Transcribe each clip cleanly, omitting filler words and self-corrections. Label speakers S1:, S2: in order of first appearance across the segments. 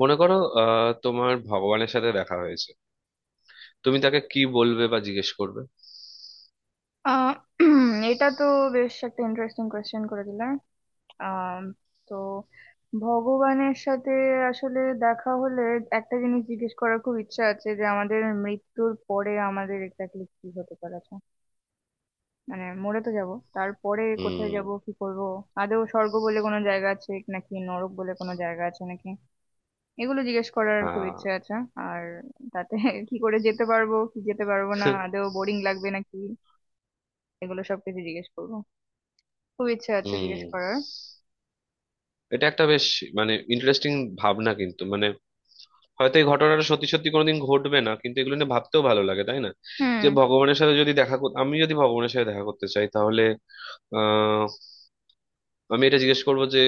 S1: মনে করো তোমার ভগবানের সাথে দেখা হয়েছে। তুমি তাকে কি বলবে বা জিজ্ঞেস করবে?
S2: আহ এটা তো বেশ একটা ইন্টারেস্টিং কোয়েশ্চেন করে দিলাম। আম, তো ভগবানের সাথে আসলে দেখা হলে একটা জিনিস জিজ্ঞেস করার খুব ইচ্ছা আছে, যে আমাদের মৃত্যুর পরে আমাদের এক্স্যাক্টলি কি হতে পারে। আচ্ছা, মানে মরে তো যাব, তারপরে কোথায়
S1: হুম।
S2: যাব কি করব, আদৌ স্বর্গ বলে কোনো জায়গা আছে নাকি নরক বলে কোনো জায়গা আছে নাকি, এগুলো জিজ্ঞেস করার খুব
S1: হ্যাঁ।
S2: ইচ্ছে আছে। আর তাতে কি করে যেতে পারবো কি যেতে পারবো না, আদৌ বোরিং লাগবে নাকি, এগুলো সবকিছু জিজ্ঞেস করবো, খুব ইচ্ছে আছে জিজ্ঞেস
S1: হুম।
S2: করার।
S1: এটা একটা বেশ ইন্টারেস্টিং ভাবনা, কিন্তু মানে হয়তো এই ঘটনাটা সত্যি সত্যি কোনোদিন ঘটবে না, কিন্তু এগুলো নিয়ে ভাবতেও ভালো লাগে, তাই না?
S2: হুম
S1: যে ভগবানের সাথে আমি যদি ভগবানের সাথে দেখা করতে চাই তাহলে আহ আমি এটা জিজ্ঞেস করবো যে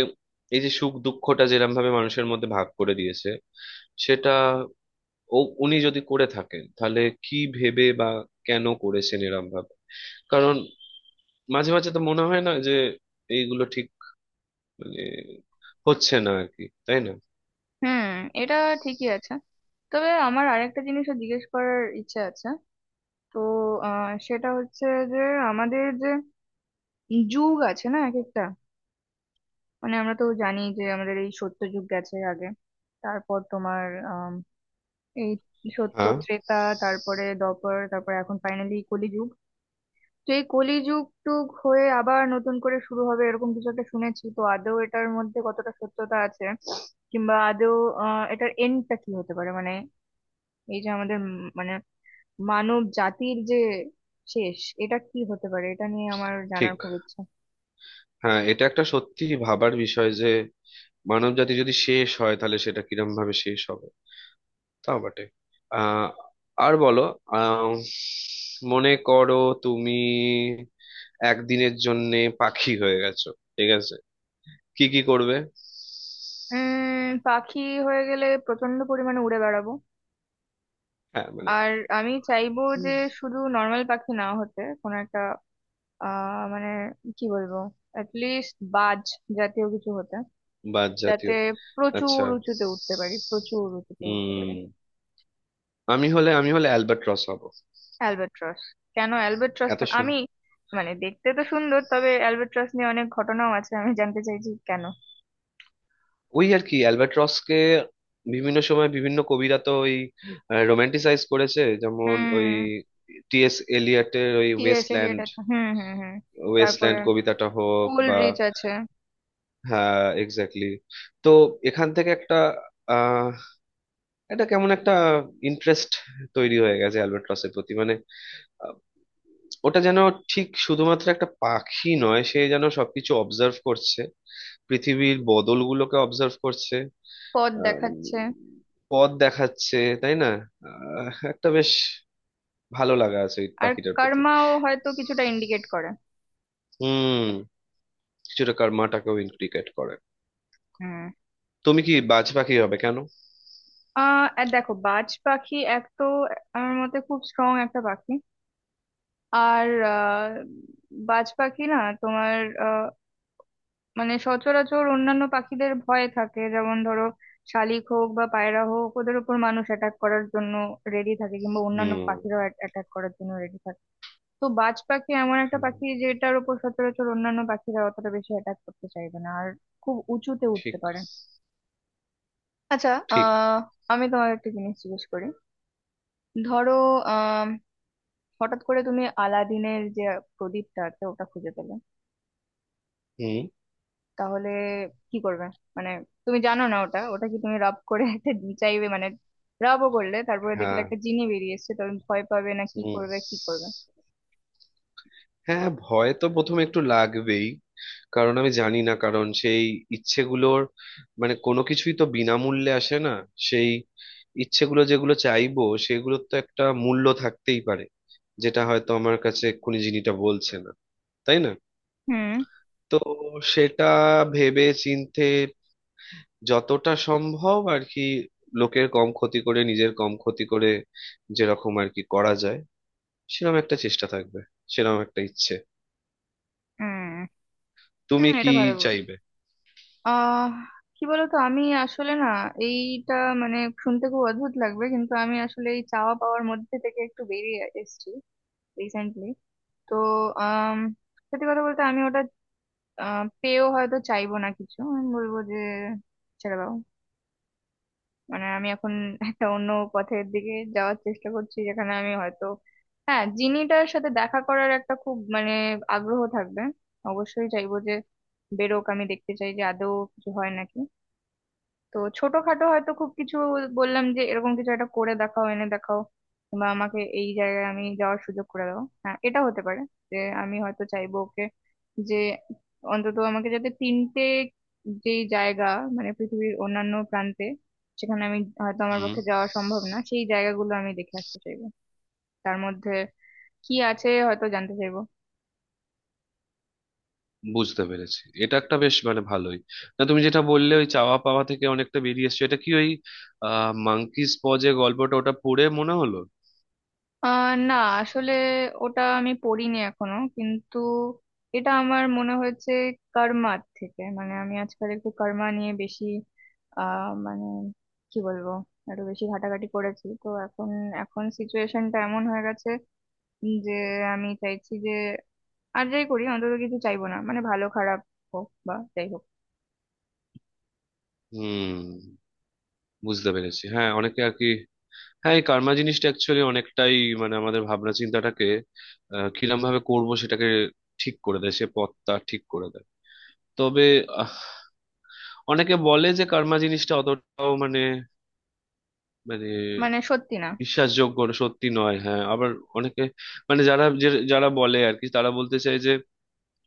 S1: এই যে সুখ দুঃখটা যেরকম ভাবে মানুষের মধ্যে ভাগ করে দিয়েছে সেটা, ও, উনি যদি করে থাকেন তাহলে কি ভেবে বা কেন করেছেন এরম ভাবে। কারণ মাঝে মাঝে তো মনে হয় না যে এইগুলো ঠিক মানে হচ্ছে না আর কি, তাই না?
S2: হুম এটা ঠিকই আছে। তবে আমার আরেকটা জিনিসও জিজ্ঞেস করার ইচ্ছে আছে। তো সেটা হচ্ছে যে আমাদের যে যুগ আছে না এক একটা, মানে আমরা তো জানি যে আমাদের এই সত্য যুগ গেছে আগে। তারপর তোমার আম, এই সত্য
S1: হ্যাঁ,
S2: ত্রেতা, তারপরে দ্বাপর, তারপর এখন ফাইনালি কলি যুগ। তো এই কলিযুগ টুগ হয়ে আবার নতুন করে শুরু হবে এরকম কিছু একটা শুনেছি, তো আদৌ এটার মধ্যে কতটা সত্যতা আছে, কিংবা আদৌ এটার এন্ডটা কি হতে পারে। মানে এই যে আমাদের মানে মানব জাতির যে শেষ, এটা কি হতে পারে, এটা নিয়ে আমার জানার
S1: ঠিক।
S2: খুব ইচ্ছা।
S1: হ্যাঁ, এটা একটা সত্যি ভাবার বিষয় যে মানবজাতি যদি শেষ হয় তাহলে সেটা কিরম ভাবে শেষ হবে। তাও বটে। আহ আর বলো। আহ মনে করো তুমি একদিনের জন্যে পাখি হয়ে গেছো, ঠিক আছে? কি কি করবে?
S2: উম, পাখি হয়ে গেলে প্রচন্ড পরিমাণে উড়ে বেড়াবো।
S1: হ্যাঁ মানে
S2: আর আমি চাইবো যে শুধু নর্মাল পাখি না হতে কোনো একটা, মানে কি বলবো, অ্যাটলিস্ট বাজ জাতীয় কিছু হতে,
S1: বাদ
S2: যাতে
S1: জাতীয়। আচ্ছা।
S2: প্রচুর উঁচুতে উঠতে
S1: হুম।
S2: পারি।
S1: আমি হলে আমি হলে অ্যালবার্ট রস হব।
S2: অ্যালবাট্রস কেন? অ্যালবাট্রস
S1: এত
S2: কেন
S1: শুন।
S2: আমি? মানে দেখতে তো সুন্দর, তবে অ্যালবাট্রস নিয়ে অনেক ঘটনাও আছে, আমি জানতে চাইছি কেন।
S1: ওই আর কি অ্যালবার্ট রসকে বিভিন্ন সময় বিভিন্ন কবিরা তো ওই রোমান্টিসাইজ করেছে, যেমন ওই
S2: হুম।
S1: টিএস এলিয়টের ওই
S2: টিএস এলিয়ট
S1: ওয়েস্টল্যান্ড,
S2: আছে, হুম হুম হুম। তারপরে
S1: ওয়েস্টল্যান্ড কবিতাটা হোক বা।
S2: কোলরিচ আছে।
S1: হ্যাঁ, এক্স্যাক্টলি। তো এখান থেকে একটা আহ এটা কেমন একটা ইন্টারেস্ট তৈরি হয়ে গেছে অ্যালবার্ট রসের প্রতি। মানে আহ, ওটা যেন ঠিক শুধুমাত্র একটা পাখি নয়, সে যেন সবকিছু অবজার্ভ করছে, পৃথিবীর বদলগুলোকে অবজার্ভ করছে।
S2: পথ
S1: আম,
S2: দেখাচ্ছে।
S1: পথ দেখাচ্ছে, তাই না? একটা বেশ ভালো লাগা আছে এই
S2: আর
S1: পাখিটার প্রতি।
S2: কর্মাও হয়তো কিছুটা ইন্ডিকেট করে।
S1: হুম। কিছুটা কর্মাটাকেও ইনক্রিকেট করে।
S2: হুম।
S1: তুমি কি বাজ পাখি হবে কেন?
S2: আর দেখো, বাজ পাখি এক তো আমার মতে খুব স্ট্রং একটা পাখি। আর আহ, বাজ পাখি না তোমার, মানে সচরাচর অন্যান্য পাখিদের ভয় থাকে, যেমন ধরো শালিক হোক বা পায়রা হোক, ওদের উপর মানুষ অ্যাটাক করার জন্য রেডি থাকে, কিংবা অন্যান্য
S1: হুম।
S2: পাখিরাও অ্যাটাক করার জন্য রেডি থাকে। তো বাজ পাখি এমন একটা
S1: হুম,
S2: পাখি যেটার উপর সচরাচর অন্যান্য পাখিরা অতটা বেশি অ্যাটাক করতে চাইবে না, আর খুব উঁচুতে উঠতে
S1: ঠিক।
S2: পারে। আচ্ছা,
S1: ঠিক।
S2: আহ আমি তোমার একটা জিনিস জিজ্ঞেস করি। ধরো আহ হঠাৎ করে তুমি আলাদিনের যে প্রদীপটা আছে ওটা খুঁজে পেলে,
S1: হুম।
S2: তাহলে কি করবে? মানে তুমি জানো না ওটা ওটা কি, তুমি রাব করে একটা চাইবে, মানে রাবও করলে তারপরে দেখলে
S1: হ্যাঁ।
S2: একটা জিনি বেরিয়ে এসছে, তখন ভয় পাবে না কি
S1: হুম।
S2: করবে কি করবে?
S1: হ্যাঁ, ভয় তো প্রথমে একটু লাগবেই। কারণ আমি জানি না, কারণ সেই ইচ্ছেগুলোর মানে কোনো কিছুই তো বিনামূল্যে আসে না। সেই ইচ্ছেগুলো যেগুলো চাইবো সেগুলোর তো একটা মূল্য থাকতেই পারে, যেটা হয়তো আমার কাছে এক্ষুনি জিনিসটা বলছে না, তাই না?
S2: হুম
S1: তো সেটা ভেবে চিন্তে যতটা সম্ভব আর কি, লোকের কম ক্ষতি করে নিজের কম ক্ষতি করে যেরকম আর কি করা যায় সেরকম একটা চেষ্টা থাকবে, সেরকম একটা ইচ্ছে।
S2: হুম হুম
S1: তুমি কি
S2: এটা ভালো
S1: চাইবে?
S2: আহ কি বলতো, আমি আসলে না এইটা, মানে শুনতে খুব অদ্ভুত লাগবে, কিন্তু আমি আসলে এই চাওয়া পাওয়ার মধ্যে থেকে একটু বেরিয়ে এসেছি রিসেন্টলি। তো আম, সত্যি কথা বলতে আমি ওটা আহ, পেয়েও হয়তো চাইবো না কিছু, আমি বলবো যে ছেড়ে দাও। মানে আমি এখন একটা অন্য পথের দিকে যাওয়ার চেষ্টা করছি, যেখানে আমি হয়তো, হ্যাঁ, জিনিটার সাথে দেখা করার একটা খুব মানে আগ্রহ থাকবে, অবশ্যই চাইবো যে বেরোক, আমি দেখতে চাই যে আদৌ কিছু হয় নাকি। তো ছোটখাটো হয়তো খুব কিছু বললাম যে, এরকম কিছু একটা করে দেখাও, এনে দেখাও, বা আমাকে এই জায়গায় আমি যাওয়ার সুযোগ করে দাও। হ্যাঁ, এটা হতে পারে যে আমি হয়তো চাইবো ওকে, যে অন্তত আমাকে যাতে তিনটে যেই জায়গা, মানে পৃথিবীর অন্যান্য প্রান্তে, সেখানে আমি হয়তো আমার
S1: হুম।
S2: পক্ষে যাওয়া সম্ভব না, সেই জায়গাগুলো আমি দেখে আসতে চাইবো, তার মধ্যে কি আছে হয়তো জানতে চাইবো।
S1: বুঝতে পেরেছি, এটা একটা বেশ মানে ভালোই। না তুমি যেটা বললে ওই চাওয়া পাওয়া থেকে অনেকটা বেরিয়ে এসছো, এটা কি ওই মাঙ্কিস পজে গল্পটা ওটা পড়ে মনে হলো?
S2: না, আসলে ওটা আমি পড়িনি এখনো, কিন্তু এটা আমার মনে হয়েছে কর্মার থেকে। মানে আমি আজকাল একটু কর্মা নিয়ে বেশি মানে কি বলবো, একটু বেশি ঘাটাঘাটি করেছি, তো এখন এখন সিচুয়েশনটা এমন হয়ে গেছে যে আমি চাইছি যে আর যাই করি অন্তত কিছু চাইবো না, মানে ভালো খারাপ হোক বা যাই হোক।
S1: হুম। বুঝতে পেরেছি। হ্যাঁ, অনেকে আর কি। হ্যাঁ, এই কার্মা জিনিসটা অ্যাকচুয়ালি অনেকটাই মানে আমাদের ভাবনা চিন্তাটাকে কিরম ভাবে করবো সেটাকে ঠিক করে দেয়, সে পথটা ঠিক করে দেয়। তবে আহ, অনেকে বলে যে কার্মা জিনিসটা অতটাও মানে মানে
S2: মানে সত্যি না।
S1: বিশ্বাসযোগ্য না, সত্যি নয়। হ্যাঁ আবার অনেকে মানে যারা বলে আর কি তারা বলতে চায় যে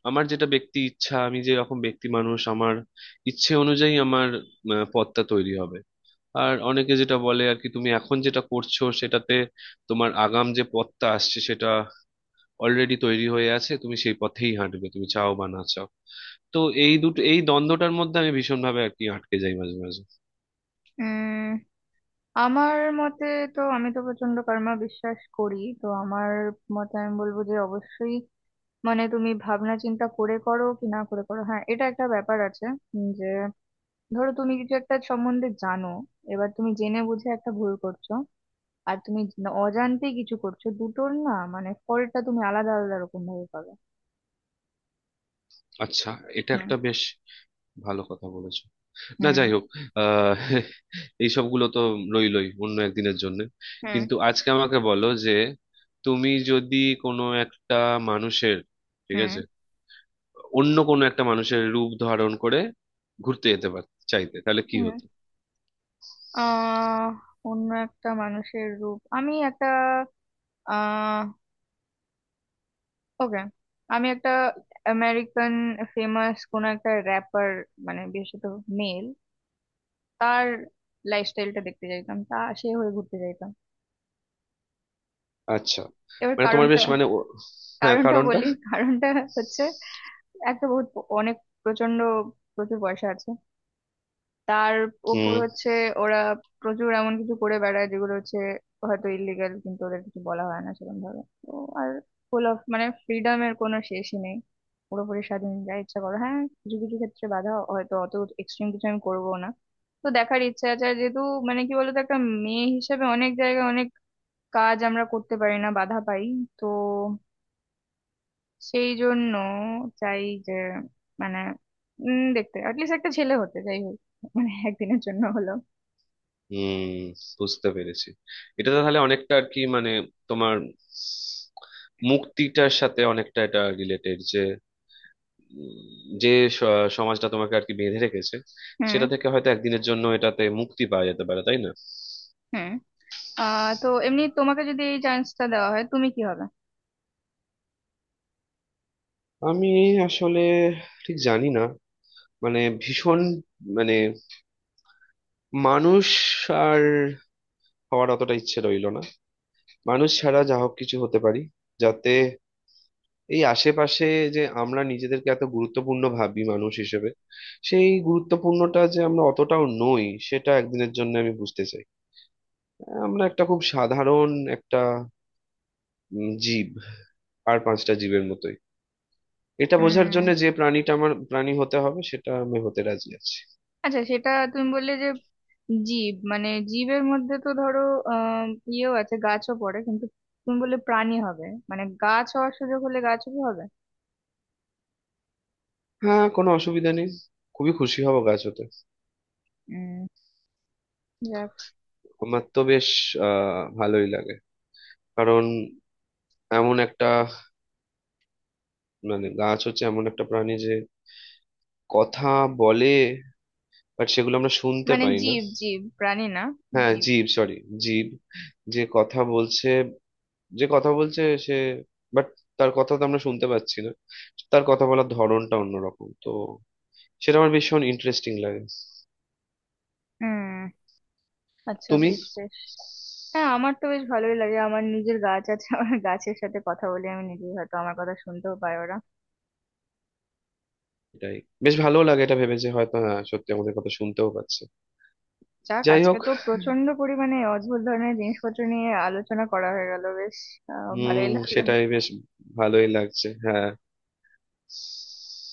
S1: আমার যেটা ব্যক্তি ইচ্ছা, আমি যেরকম ব্যক্তি মানুষ, আমার ইচ্ছে অনুযায়ী আমার পথটা তৈরি হবে। আর অনেকে যেটা বলে আর কি, তুমি এখন যেটা করছো সেটাতে তোমার আগাম যে পথটা আসছে সেটা অলরেডি তৈরি হয়ে আছে, তুমি সেই পথেই হাঁটবে, তুমি চাও বা না চাও। তো এই দুটো এই দ্বন্দ্বটার মধ্যে আমি ভীষণভাবে আর কি আটকে যাই মাঝে মাঝে।
S2: উম আমার মতে, তো আমি তো প্রচন্ড কর্মা বিশ্বাস করি, তো আমার মতে আমি বলবো যে অবশ্যই, মানে তুমি ভাবনা চিন্তা করে করো কি না করে করো, হ্যাঁ এটা একটা ব্যাপার আছে। উম, যে ধরো তুমি কিছু একটা সম্বন্ধে জানো, এবার তুমি জেনে বুঝে একটা ভুল করছো, আর তুমি অজান্তে কিছু করছো, দুটোর না মানে ফলটা তুমি আলাদা আলাদা রকম ভাবে পাবে।
S1: আচ্ছা। এটা
S2: হুম
S1: একটা বেশ ভালো কথা বলেছো। না
S2: হুম
S1: যাই হোক, আহ এইসবগুলো তো রইলই অন্য একদিনের জন্য।
S2: হুম
S1: কিন্তু আজকে আমাকে বলো যে তুমি যদি কোনো একটা মানুষের, ঠিক
S2: হুম
S1: আছে, অন্য কোনো একটা মানুষের রূপ ধারণ করে ঘুরতে যেতে পার চাইতে তাহলে কি
S2: হুম
S1: হতো?
S2: আহ অন্য একটা মানুষের রূপ, আমি একটা আহ ওকে, আমি একটা আমেরিকান ফেমাস কোন একটা র্যাপার, মানে বিশেষত মেল, তার লাইফস্টাইলটা দেখতে চাইতাম, তা সে হয়ে ঘুরতে চাইতাম।
S1: আচ্ছা।
S2: এবার
S1: তোমার
S2: কারণটা,
S1: বেশ মানে হ্যাঁ
S2: কারণটা
S1: কারণটা।
S2: বলি। কারণটা হচ্ছে, এক তো বহুত অনেক প্রচন্ড প্রচুর পয়সা আছে তার। উপর
S1: হুম।
S2: হচ্ছে ওরা প্রচুর এমন কিছু করে বেড়ায় যেগুলো হচ্ছে হয়তো ইলিগাল, কিন্তু ওদের কিছু বলা হয় না সেরকম ভাবে, তো। আর ফুল অফ মানে ফ্রিডমের কোনো শেষই নেই, পুরোপুরি স্বাধীন, যা ইচ্ছা করো। হ্যাঁ, কিছু কিছু ক্ষেত্রে বাধা, হয়তো অত এক্সট্রিম কিছু আমি করবো না, তো দেখার ইচ্ছা আছে। আর যেহেতু মানে কি বলতো, একটা মেয়ে হিসেবে অনেক জায়গায় অনেক কাজ আমরা করতে পারি না, বাধা পাই, তো সেই জন্য চাই যে মানে দেখতে অ্যাটলিস্ট একটা ছেলে হতে, যাই হোক মানে একদিনের জন্য হলো।
S1: হুম। বুঝতে পেরেছি। এটা তো তাহলে অনেকটা আর কি মানে তোমার মুক্তিটার সাথে অনেকটা এটা রিলেটেড, যে যে স- সমাজটা তোমাকে আর কি বেঁধে রেখেছে
S2: হুম
S1: সেটা থেকে হয়তো একদিনের জন্য এটাতে মুক্তি পাওয়া যেতে পারে, তাই না?
S2: হুম তো এমনি তোমাকে যদি এই চান্সটা দেওয়া হয় তুমি কি হবে?
S1: আমি আসলে ঠিক জানি না। মানে ভীষণ মানে মানুষ আর হওয়ার অতটা ইচ্ছে রইলো না। মানুষ ছাড়া যা হোক কিছু হতে পারি, যাতে এই আশেপাশে যে আমরা নিজেদেরকে এত গুরুত্বপূর্ণ ভাবি মানুষ হিসেবে, সেই গুরুত্বপূর্ণটা যে আমরা অতটাও নই সেটা একদিনের জন্য আমি বুঝতে চাই। আমরা একটা খুব সাধারণ একটা জীব, আর পাঁচটা জীবের মতোই। এটা বোঝার জন্য
S2: উম,
S1: যে প্রাণীটা আমার প্রাণী হতে হবে সেটা আমি হতে রাজি আছি।
S2: আচ্ছা সেটা তুমি বললে যে জীব, মানে জীবের মধ্যে তো ধরো আহ ইয়েও আছে, গাছও পড়ে, কিন্তু তুমি বললে প্রাণী হবে, মানে গাছ হওয়ার সুযোগ হলে গাছও কি হবে?
S1: হ্যাঁ, কোনো অসুবিধা নেই। খুবই খুশি হব গাছ হতে।
S2: উম, যাক।
S1: আমার তো বেশ ভালোই লাগে। কারণ এমন একটা মানে গাছ হচ্ছে এমন একটা প্রাণী যে কথা বলে, বাট সেগুলো আমরা শুনতে
S2: মানে
S1: পাই না।
S2: জীব, জীব, প্রাণী না
S1: হ্যাঁ
S2: জীব।
S1: জীব, সরি জীব। যে কথা বলছে, যে কথা বলছে সে, বাট তার কথা তো আমরা শুনতে পাচ্ছি না। তার কথা বলার ধরনটা অন্যরকম তো, সেটা আমার ভীষণ ইন্টারেস্টিং লাগে।
S2: হুম আচ্ছা,
S1: তুমি।
S2: বেশ বেশ। হ্যাঁ, আমার তো বেশ ভালোই লাগে, আমার নিজের গাছ আছে, আমার গাছের সাথে কথা বলে আমি নিজেই, হয়তো আমার কথা শুনতেও পায় ওরা।
S1: এটাই বেশ ভালো লাগে এটা ভেবে যে হয়তো হ্যাঁ সত্যি আমাদের কথা শুনতেও পাচ্ছে।
S2: যাক,
S1: যাই
S2: আজকে
S1: হোক।
S2: তো প্রচন্ড পরিমাণে অদ্ভুত ধরনের জিনিসপত্র নিয়ে আলোচনা করা হয়ে গেল, বেশ
S1: হুম,
S2: ভালোই লাগলো।
S1: সেটাই বেশ ভালোই লাগছে। হ্যাঁ।